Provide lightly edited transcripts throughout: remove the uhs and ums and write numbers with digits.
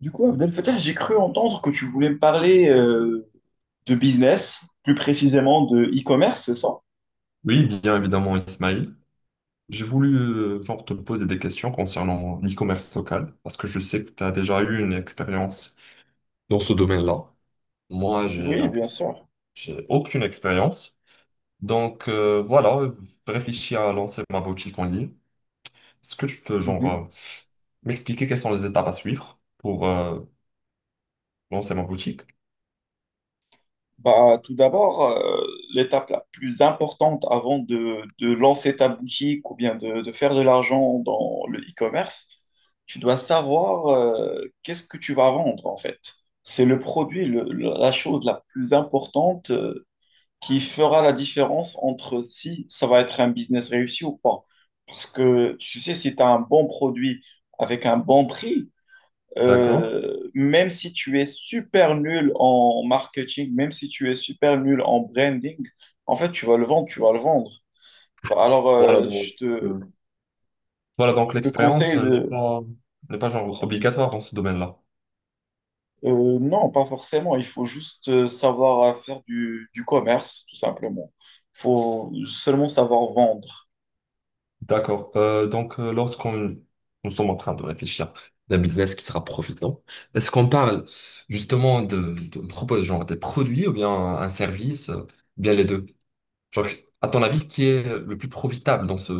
Du coup, Abdel Fattah, j'ai cru entendre que tu voulais me parler de business, plus précisément de e-commerce, c'est ça? Oui, bien évidemment, Ismail. J'ai voulu genre te poser des questions concernant l'e-commerce local, parce que je sais que tu as déjà eu une expérience dans ce domaine-là. Moi, Oui, bien sûr. j'ai aucune expérience. Donc voilà, je réfléchis à lancer ma boutique en ligne. Est-ce que tu peux Mhm. M'expliquer quelles sont les étapes à suivre pour lancer ma boutique? Bah, tout d'abord, l'étape la plus importante avant de lancer ta boutique ou bien de faire de l'argent dans le e-commerce, tu dois savoir qu'est-ce que tu vas vendre en fait. C'est le produit, la chose la plus importante qui fera la différence entre si ça va être un business réussi ou pas. Parce que tu sais, si tu as un bon produit avec un bon prix, D'accord. Même si tu es super nul en marketing, même si tu es super nul en branding, en fait, tu vas le vendre, tu vas le vendre. Bah, Alors, Voilà euh, donc, je euh, te, voilà, donc je te l'expérience conseille n'est de... pas, n'est pas genre obligatoire dans ce domaine-là. Non, pas forcément. Il faut juste savoir faire du commerce, tout simplement. Il faut seulement savoir vendre. D'accord. Donc, lorsqu'on nous sommes en train de réfléchir d'un business qui sera profitant, est-ce qu'on parle justement de on propose genre des produits ou bien un service, bien les deux? Genre, à ton avis, qui est le plus profitable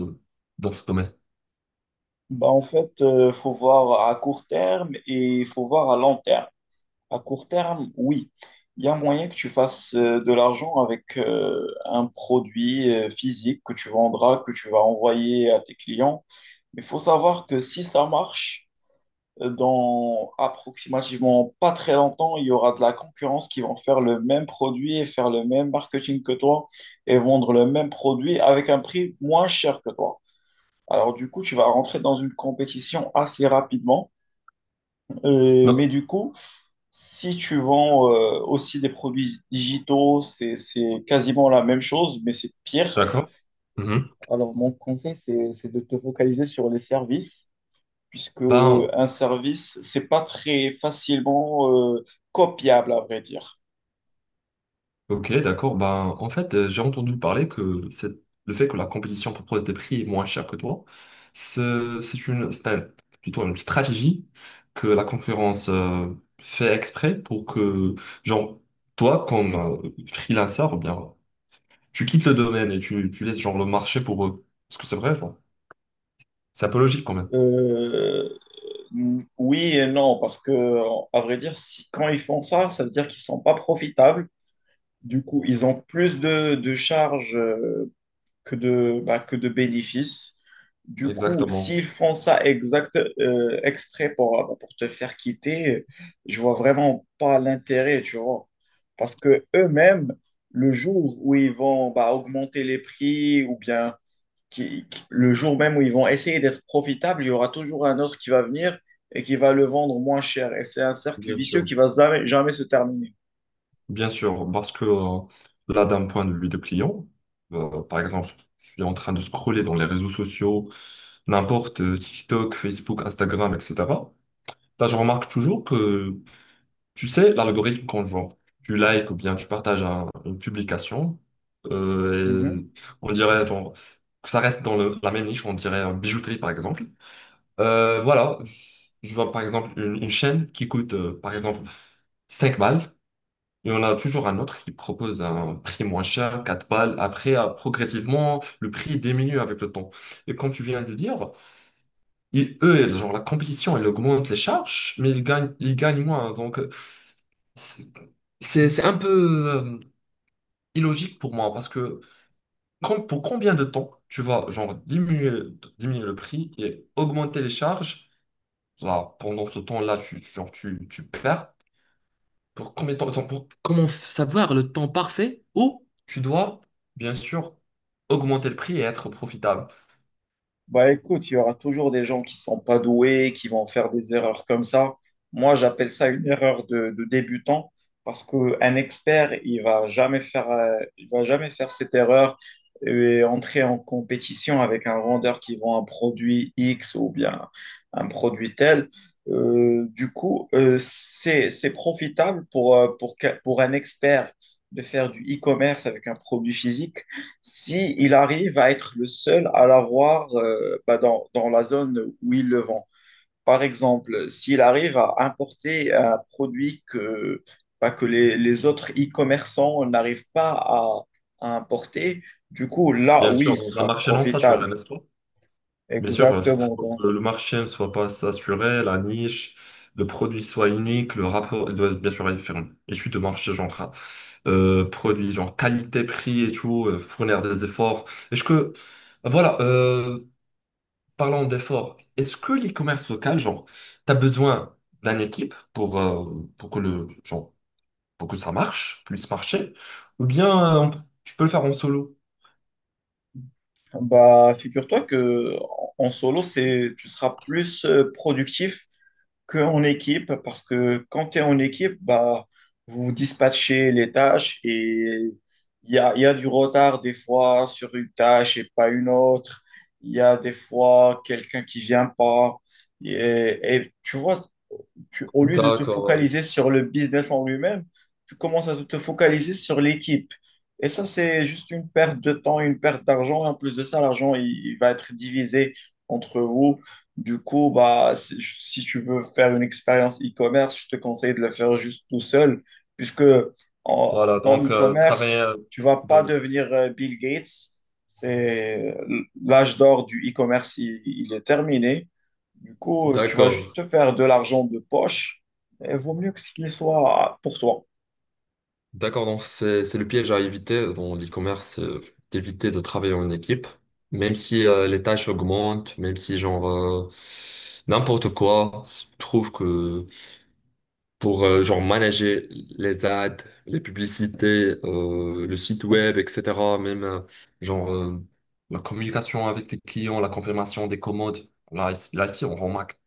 dans ce domaine? Bah, en fait, il faut voir à court terme et il faut voir à long terme. À court terme, oui, il y a moyen que tu fasses de l'argent avec un produit physique que tu vendras, que tu vas envoyer à tes clients. Mais il faut savoir que si ça marche, dans approximativement pas très longtemps, il y aura de la concurrence qui vont faire le même produit et faire le même marketing que toi et vendre le même produit avec un prix moins cher que toi. Alors du coup, tu vas rentrer dans une compétition assez rapidement. Mais Non. du coup, si tu vends aussi des produits digitaux, c'est quasiment la même chose, mais c'est pire. D'accord. Mhm. Alors mon conseil, c'est de te focaliser sur les services, puisque Ben, un service, c'est pas très facilement copiable, à vrai dire. Ok, d'accord. Ben, en fait, j'ai entendu parler que le fait que la compétition propose des prix moins chers que toi, c'est plutôt une stratégie que la concurrence fait exprès pour que, genre, toi, comme freelancer, ou bien, tu quittes le domaine et tu laisses, genre, le marché pour eux. Parce que c'est vrai, genre, c'est un peu logique quand même. Euh, oui et non, parce que, à vrai dire, si, quand ils font ça, ça veut dire qu'ils sont pas profitables. Du coup, ils ont plus de charges que de, bah, que de bénéfices. Du coup, Exactement. s'ils font ça exprès pour, bah, pour te faire quitter, je vois vraiment pas l'intérêt, tu vois. Parce que eux-mêmes, le jour où ils vont bah, augmenter les prix ou bien le jour même où ils vont essayer d'être profitables, il y aura toujours un autre qui va venir et qui va le vendre moins cher. Et c'est un cercle Bien vicieux sûr. qui va jamais, jamais se terminer. Bien sûr, parce que là, d'un point de vue de client, par exemple, je suis en train de scroller dans les réseaux sociaux, n'importe, TikTok, Facebook, Instagram, etc. Là, je remarque toujours que, tu sais, l'algorithme, quand genre, tu likes ou bien tu partages une publication, et on dirait genre, que ça reste dans la même niche, on dirait bijouterie, par exemple. Voilà, je vois par exemple une chaîne qui coûte, par exemple, 5 balles. Et on a toujours un autre qui propose un prix moins cher, 4 balles. Après, progressivement, le prix diminue avec le temps. Et comme tu viens de dire, eux, genre, la compétition, elle augmente les charges, mais ils gagnent moins. Donc, c'est c'est un peu euh, illogique pour moi parce que pour combien de temps tu vas, genre, diminuer le prix et augmenter les charges? Là, pendant ce temps-là, genre, tu perds. Pour combien de temps, enfin, pour comment savoir le temps parfait où tu dois, bien sûr, augmenter le prix et être profitable. Bah écoute, il y aura toujours des gens qui sont pas doués, qui vont faire des erreurs comme ça. Moi, j'appelle ça une erreur de débutant parce qu'un expert, il va jamais faire, il va jamais faire cette erreur et entrer en compétition avec un vendeur qui vend un produit X ou bien un produit tel. C'est profitable pour, pour un expert de faire du e-commerce avec un produit physique si il arrive à être le seul à l'avoir bah, dans la zone où il le vend. Par exemple, s'il arrive à importer un produit que, bah, que les autres e-commerçants n'arrivent pas à, à importer, du coup, là, Bien oui, sûr, il dans un sera marché non saturé, profitable. n'est-ce pas? Bien sûr, il faut Exactement. faut Donc, que le marché ne soit pas saturé, la niche, le produit soit unique, le rapport il doit bien sûr être une Étude de marché, genre, produit, genre qualité, prix et tout, fournir des efforts. Est-ce que, voilà, parlons d'efforts. Est-ce que l'e-commerce local, genre, tu as besoin d'une équipe pour que genre, pour que puisse marcher, ou bien euh, on peut- tu peux le faire en solo? bah, figure-toi que en en solo, c'est, tu seras plus productif qu'en équipe parce que quand tu es en équipe, bah, vous dispatchez les tâches et il y a du retard des fois sur une tâche et pas une autre. Il y a des fois quelqu'un qui vient pas. Et, et tu vois, au lieu de te D'accord, ouais. focaliser sur le business en lui-même, tu commences à te focaliser sur l'équipe. Et ça, c'est juste une perte de temps, une perte d'argent. Et en plus de ça, l'argent, il va être divisé entre vous. Du coup, bah, si, si tu veux faire une expérience e-commerce, je te conseille de le faire juste tout seul, puisque en, Voilà, en donc travailler. e-commerce, tu vas pas donc, devenir Bill Gates. C'est l'âge d'or du e-commerce, il est terminé. Du coup, tu vas juste d'accord, te faire de l'argent de poche et vaut mieux que ce qu'il soit pour toi. d'accord. Donc c'est le piège à éviter dans l'e-commerce, d'éviter de travailler en équipe, même si les tâches augmentent, même si n'importe quoi. Je trouve que pour genre manager les ads, les publicités, le site web, etc. Même genre euh, la communication avec les clients, la confirmation des commandes. Là, ici, on remarque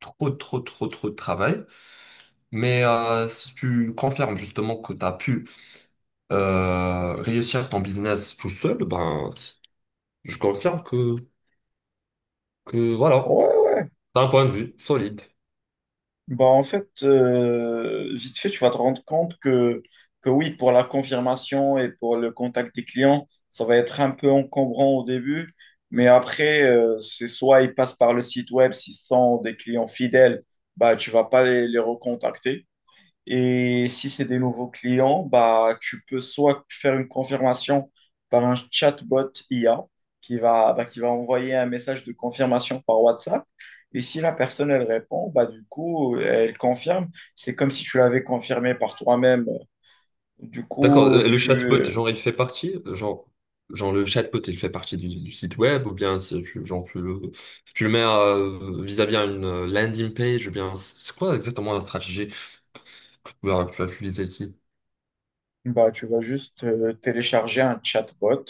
trop, trop, trop, trop de travail. Mais si tu confirmes justement que tu as pu réussir ton business tout seul, ben, je confirme que voilà, Ouais, d'un point de vue solide. bah en fait, vite fait, tu vas te rendre compte que oui, pour la confirmation et pour le contact des clients, ça va être un peu encombrant au début, mais après, c'est soit ils passent par le site web, s'ils sont des clients fidèles, bah tu vas pas les recontacter. Et si c'est des nouveaux clients, bah, tu peux soit faire une confirmation par un chatbot IA qui va, bah, qui va envoyer un message de confirmation par WhatsApp. Et si la personne, elle répond, bah, du coup, elle confirme. C'est comme si tu l'avais confirmé par toi-même. Du D'accord, coup, le chatbot, tu, genre le chatbot, il fait partie du site web, ou bien tu le mets vis-à-vis à une landing page, ou bien c'est quoi exactement la stratégie que que tu vas utiliser ici? bah, tu vas juste télécharger un chatbot.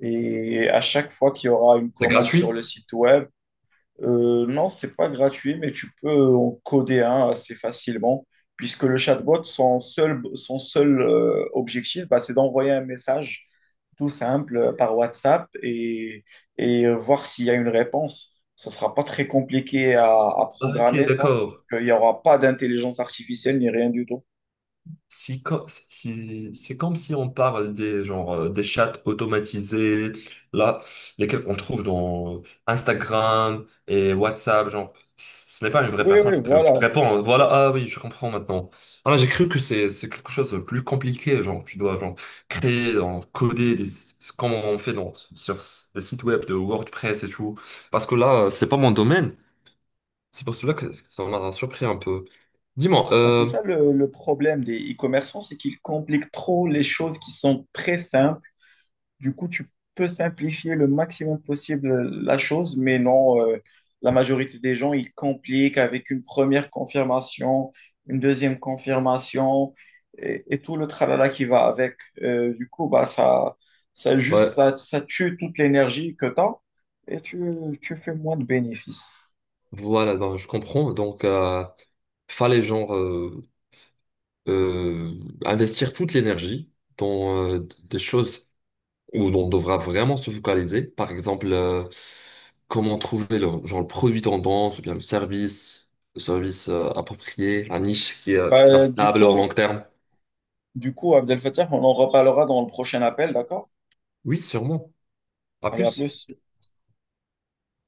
Et à chaque fois qu'il y aura une C'est commande sur le gratuit? site web, non, c'est pas gratuit, mais tu peux en coder un assez facilement, puisque le chatbot, son seul objectif, bah, c'est d'envoyer un message tout simple par WhatsApp et voir s'il y a une réponse. Ça sera pas très compliqué à Ah, Ok, programmer ça, d'accord. puisqu'il n'y aura pas d'intelligence artificielle ni rien du tout. Si, co- si- c'est comme si on parle des, genre, des chats automatisés, là, lesquels on trouve dans Instagram et WhatsApp, genre, ce n'est pas une vraie Oui, personne oui, qui qui te voilà. répond, hein. Voilà, ah oui, je comprends maintenant. Ah, j'ai cru que c'est quelque chose de plus compliqué, genre, tu dois, genre, créer, genre, comme on fait sur les sites web de WordPress et tout. Parce que là, c'est pas mon domaine. C'est pour cela que ça m'a surpris un peu. Dis-moi, Bah, c'est ça le problème des e-commerçants, c'est qu'ils compliquent trop les choses qui sont très simples. Du coup, tu peux simplifier le maximum possible la chose, mais non, la majorité des gens, ils compliquent avec une première confirmation, une deuxième confirmation et tout le tralala qui va avec. Du coup, bah, ça, ouais. ça, ça tue toute l'énergie que tu as et tu fais moins de bénéfices. Voilà, ben, je comprends. Donc, fallait euh, investir toute l'énergie dans des choses où on devra vraiment se focaliser. Par exemple, comment trouver le, genre le produit tendance ou bien le service approprié, la niche qui sera Bah, stable au long terme. du coup, Abdel Fattah, on en reparlera dans le prochain appel, d'accord? Oui, sûrement. À Allez, à plus. plus.